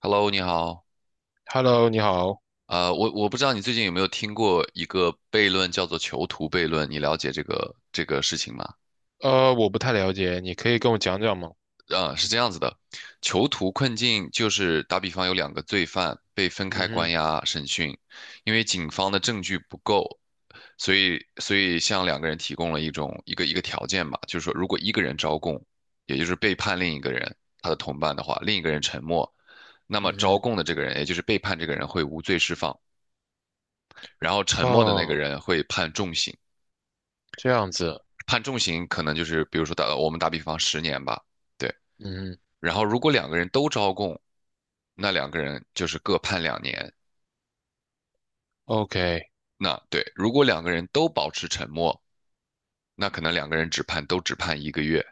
Hello，你好。Hello，你好。我不知道你最近有没有听过一个悖论，叫做囚徒悖论，你了解这个事情吗？我不太了解，你可以跟我讲讲吗？是这样子的，囚徒困境就是打比方有两个罪犯被分嗯开关哼。押审讯，因为警方的证据不够，所以向两个人提供了一个条件吧，就是说如果一个人招供，也就是背叛另一个人他的同伴的话，另一个人沉默，那么招嗯供的这个人，也就是背叛这个人会无罪释放。然后沉哼。默的那个哦，人会判重刑，这样子。判重刑可能就是比如说我们打比方十年吧，对。嗯哼然后如果两个人都招供，那两个人就是各判两年。，OK。那对，如果两个人都保持沉默，那可能两个人只判都只判一个月。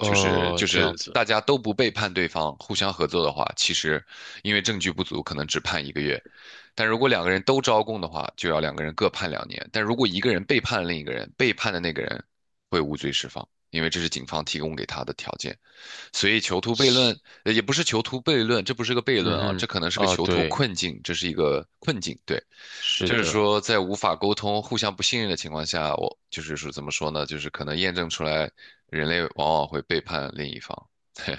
就是就这是样子。大家都不背叛对方，互相合作的话，其实因为证据不足，可能只判一个月。但如果两个人都招供的话，就要两个人各判两年。但如果一个人背叛另一个人，背叛的那个人会无罪释放，因为这是警方提供给他的条件。所以囚徒悖是。论，也不是囚徒悖论，这不是个悖论啊，嗯这哼。可能是个哦，囚徒对。困境，这是一个困境。对，是就是的。说在无法沟通、互相不信任的情况下，我就是说怎么说呢？就是可能验证出来，人类往往会背叛另一方。对，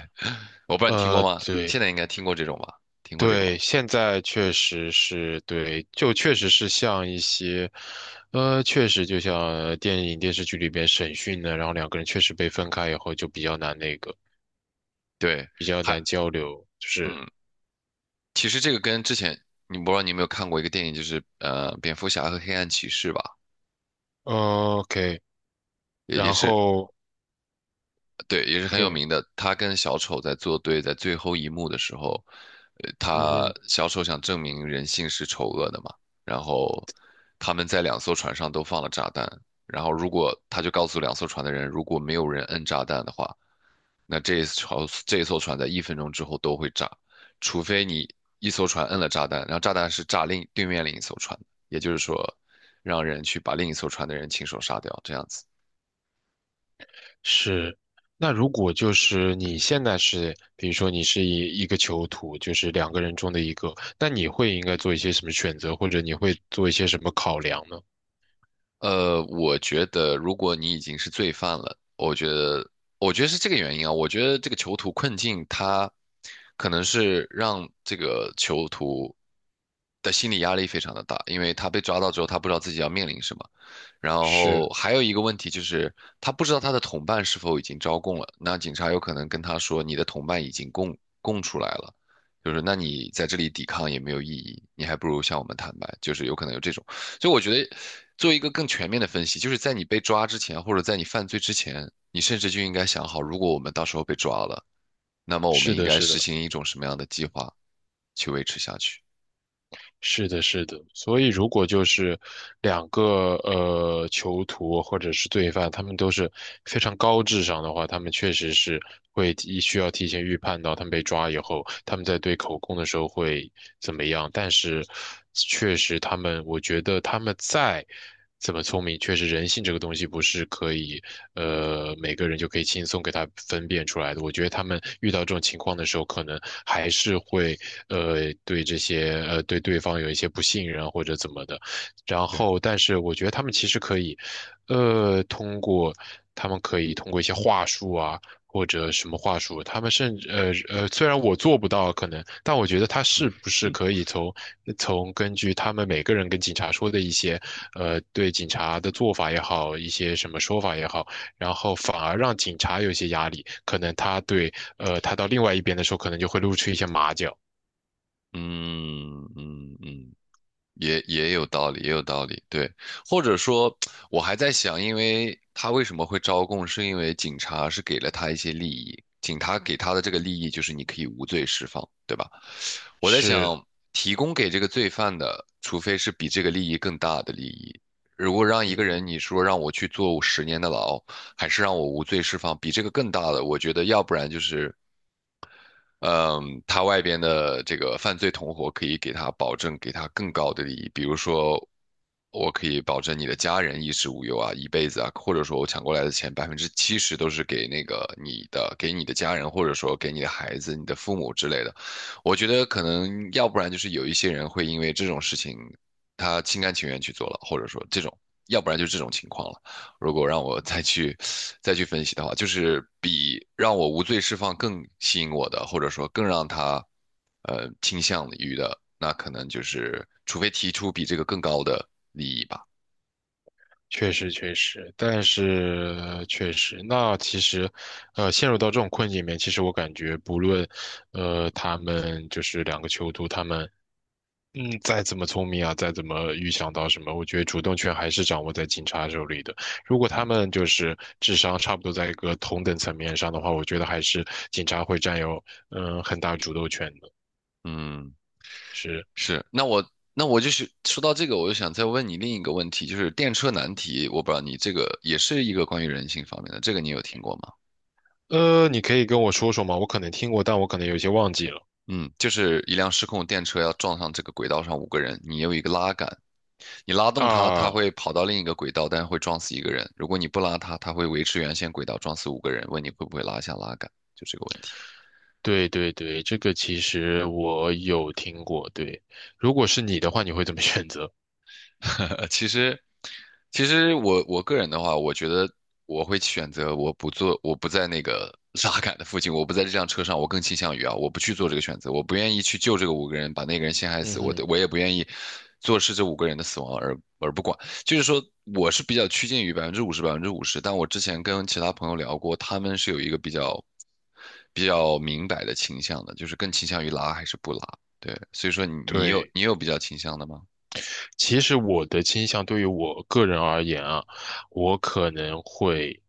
我不知道你听过吗？对。现在应该听过这种吧？听过这个吧？对，现在确实是对，就确实是像一些，确实就像电影电视剧里边审讯的，然后两个人确实被分开以后就比较难那个，对，比较还难交流，就是，嗯，其实这个跟之前你不知道你有没有看过一个电影，就是蝙蝠侠和黑暗骑士吧，o k 也也然是后。对，也是很有对。名的。他跟小丑在作对，在最后一幕的时候，嗯他哼。小丑想证明人性是丑恶的嘛，然后他们在两艘船上都放了炸弹，然后如果他就告诉两艘船的人，如果没有人摁炸弹的话，那这一艘船在1分钟之后都会炸，除非你一艘船摁了炸弹，然后炸弹是炸对面另一艘船，也就是说，让人去把另一艘船的人亲手杀掉，这样子。是。那如果就是你嗯现在是，比如说你是一个囚徒，就是两个人中的一个，那你会应该做一些什么选择，或者你会做一些什么考量呢？呃，我觉得如果你已经是罪犯了，我觉得是这个原因啊。我觉得这个囚徒困境，他可能是让这个囚徒的心理压力非常的大，因为他被抓到之后，他不知道自己要面临什么。然后是。还有一个问题就是，他不知道他的同伴是否已经招供了。那警察有可能跟他说，你的同伴已经供出来了，就是那你在这里抵抗也没有意义，你还不如向我们坦白，就是有可能有这种。所以我觉得做一个更全面的分析，就是在你被抓之前，或者在你犯罪之前，你甚至就应该想好，如果我们到时候被抓了，那么我们是应的，该是的。实行一种什么样的计划去维持下去？是的，是的，所以如果就是两个囚徒或者是罪犯，他们都是非常高智商的话，他们确实是会提需要提前预判到他们被抓以后，他们在对口供的时候会怎么样。但是，确实他们，我觉得他们在。怎么聪明，确实人性这个东西不是可以，每个人就可以轻松给它分辨出来的。我觉得他们遇到这种情况的时候，可能还是会，对这些，对对方有一些不信任或者怎么的。然对，后，但是我觉得他们其实可以，通过他们可以通过一些话术啊，或者什么话术，他们甚至虽然我做不到可能，但我觉得他是不是嗯可以从根据他们每个人跟警察说的一些对警察的做法也好，一些什么说法也好，然后反而让警察有一些压力，可能他对他到另外一边的时候，可能就会露出一些马脚。嗯嗯嗯。也有道理，也有道理，对，或者说，我还在想，因为他为什么会招供，是因为警察是给了他一些利益，警察给他的这个利益就是你可以无罪释放，对吧？我在是。想，提供给这个罪犯的，除非是比这个利益更大的利益，如果让一嗯，个人你嗯说让我去坐十年的牢，还是让我无罪释放，比这个更大的，我觉得要不然就是嗯，他外边的这个犯罪同伙可以给他保证，给他更高的利益，比如说，我可以保证你的家人衣食无忧啊，一辈子啊，或者说我抢过来的钱70%都是给那个你的，给你的家人，或者说给你的孩子、你的父母之类的。我觉得可能要不然就是有一些人会因为这种事情，他心甘情愿去做了，或者说这种，要不然就是这种情况了。如果让我再去分析的话，就是比让我无罪释放更吸引我的，或者说更让他倾向于的，那可能就是除非提出比这个更高的利益吧。确实，确实，但是确实，那其实，陷入到这种困境里面，其实我感觉，不论，他们就是两个囚徒，他们，嗯，再怎么聪明啊，再怎么预想到什么，我觉得主动权还是掌握在警察手里的。如果他嗯们就是智商差不多在一个同等层面上的话，我觉得还是警察会占有，嗯、很大主动权的。嗯，是。是。那我就是说到这个，我就想再问你另一个问题，就是电车难题，我不知道你这个也是一个关于人性方面的，这个你有听过吗？你可以跟我说说吗？我可能听过，但我可能有些忘记了。嗯，就是一辆失控电车要撞上这个轨道上五个人，你有一个拉杆，你拉动它，它啊。会跑到另一个轨道，但是会撞死一个人；如果你不拉它，它会维持原先轨道，撞死五个人。问你会不会拉下拉杆，就这个问题。对对对，这个其实我有听过。对，如果是你的话，你会怎么选择？呃，其实，其实我个人的话，我觉得我会选择我不做，我不在那个 拉杆的附近，我不在这辆车上，我更倾向于啊，我不去做这个选择，我不愿意去救这个五个人，把那个人陷 害嗯死，哼。我也不愿意坐视这五个人的死亡而不管。就是说，我是比较趋近于百分之五十百分之五十，但我之前跟其他朋友聊过，他们是有一个比较明白的倾向的，就是更倾向于拉还是不拉。对，所以说对，你有比较倾向的吗？其实我的倾向对于我个人而言啊，我可能会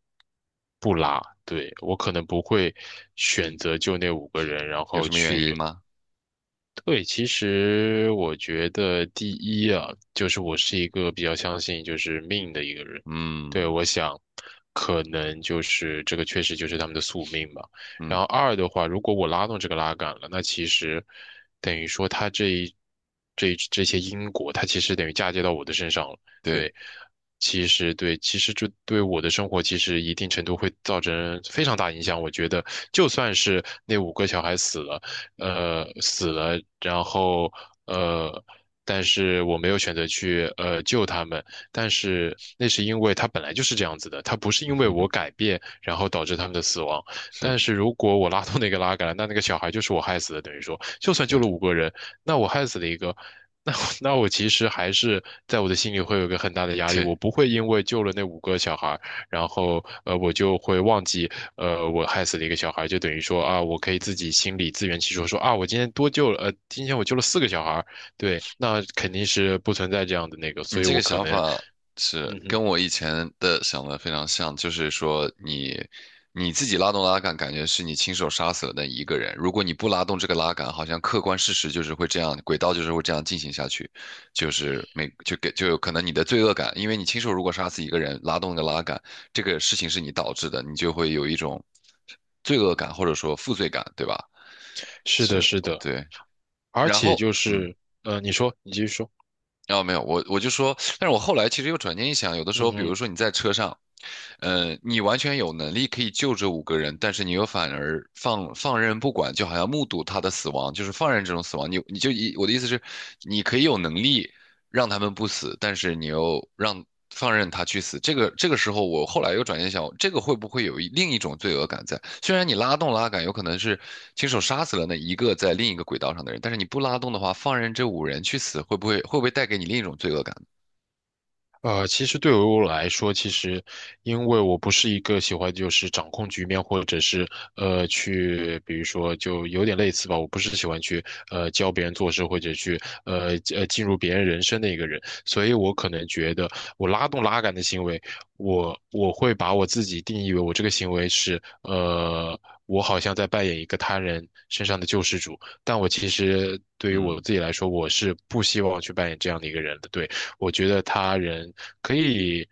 不拉，对，我可能不会选嗯，择就那五个人，然有后什么原因去吗？对，其实我觉得第一啊，就是我是一个比较相信就是命的一个人。对，嗯我想，可能就是这个确实就是他们的宿命吧。然嗯，后二的话，如果我拉动这个拉杆了，那其实等于说他这些因果，它其实等于嫁接到我的身上了。对，对，其实对，其实这对我的生活其实一定程度会造成非常大影响。我觉得，就算是那五个小孩死了。死了，然后呃，但是我没有选择去救他们，但是那是因为他本来就是这样子的，他不是因为我 改变然后导致他们的死亡。是，但是如果我拉动那个拉杆，那那个小孩就是我害死的，等于说，就算救对了五个人，那我害死了一个。那我其实还是在我的心里会有一个很大的压力，对，我不会因为救了那五个小孩，然后我就会忘记我害死了一个小孩，就等于说啊，我可以自己心里自圆其嗯，说，说啊，我今天多救了，今天我救了四个小孩，对，那肯定是不存在这样的那个，你所以这我个可想能，法是嗯嗯。跟我以前的想的非常像，就是说你自己拉动拉杆，感觉是你亲手杀死了那一个人。如果你不拉动这个拉杆，好像客观事实就是会这样，轨道就是会这样进行下去，就是每就给就有可能你的罪恶感，因为你亲手如果杀死一个人，拉动的个拉杆，这个事情是你导致的，你就会有一种罪恶感或者说负罪感，对吧？是的，是，是的。对。而然且后，就是，你说，你继续说，然后没有，我就说，但是我后来其实又转念一想，有的时候，比如嗯。说你在车上，你完全有能力可以救这五个人，但是你又反而放任不管，就好像目睹他的死亡，就是放任这种死亡。你你就一我的意思是，你可以有能力让他们不死，但是你又放任他去死，这个时候，我后来又转念想，这个会不会有另一种罪恶感在？虽然你拉动拉杆，有可能是亲手杀死了那一个在另一个轨道上的人，但是你不拉动的话，放任这五人去死，会不会带给你另一种罪恶感？其实对于我来说，其实因为我不是一个喜欢就是掌控局面，或者是去，比如说就有点类似吧，我不是喜欢去教别人做事，或者去进入别人人生的一个人，所以我可能觉得我拉动拉杆的行为，我会把我自己定义为我这个行为是呃。我好像在扮演一个他人身上的救世主，但我其实对于我嗯自己来说，我是不希望去扮演这样的一个人的。对，我觉得他人可以，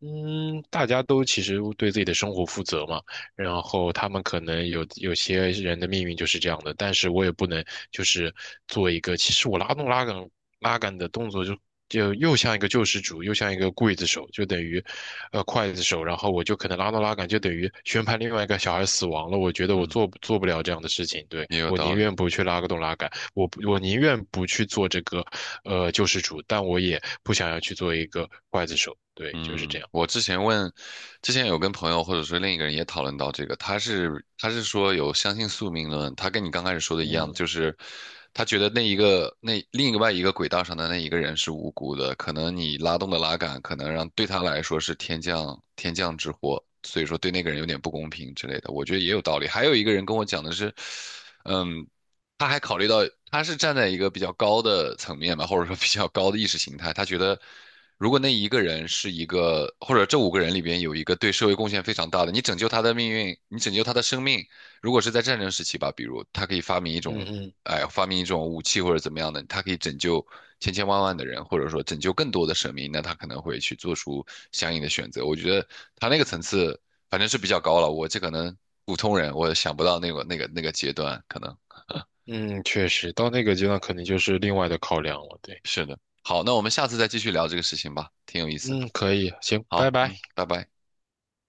嗯，大家都其实对自己的生活负责嘛，然后他们可能有有些人的命运就是这样的，但是我也不能就是做一个，其实我拉动拉杆的动作就。就又像一个救世主，又像一个刽子手，就等于，刽子手。然后我就可能拉动拉杆，就等于宣判另外一个小孩死亡了。我觉得我嗯，做不了这样的事情，对，也有我道宁理。愿不去拉个动拉杆。我宁愿不去做这个救世主，但我也不想要去做一个刽子手。对，就是这嗯，样。我之前问，之前有跟朋友或者说另一个人也讨论到这个，他是说有相信宿命论，他跟你刚开始说的一样，就嗯是他觉得那一个那另一外一个轨道上的那一个人是无辜的，可能你拉动的拉杆可能让对他来说是天降之祸，所以说对那个人有点不公平之类的，我觉得也有道理。还有一个人跟我讲的是，嗯，他还考虑到他是站在一个比较高的层面吧，或者说比较高的意识形态，他觉得。如果那一个人是一个，或者这五个人里边有一个对社会贡献非常大的，你拯救他的命运，你拯救他的生命。如果是在战争时期吧，比如他可以发明一嗯种，嗯哎，发明一种武器或者怎么样的，他可以拯救千千万万的人，或者说拯救更多的生命，那他可能会去做出相应的选择。我觉得他那个层次反正是比较高了，我这可能普通人我想不到那个阶段，可能嗯，确实，到那个阶段肯定就是另外的考量了。对。是的。好，那我们下次再继续聊这个事情吧，挺有意思。嗯，可以，行，拜好，拜。嗯，拜拜。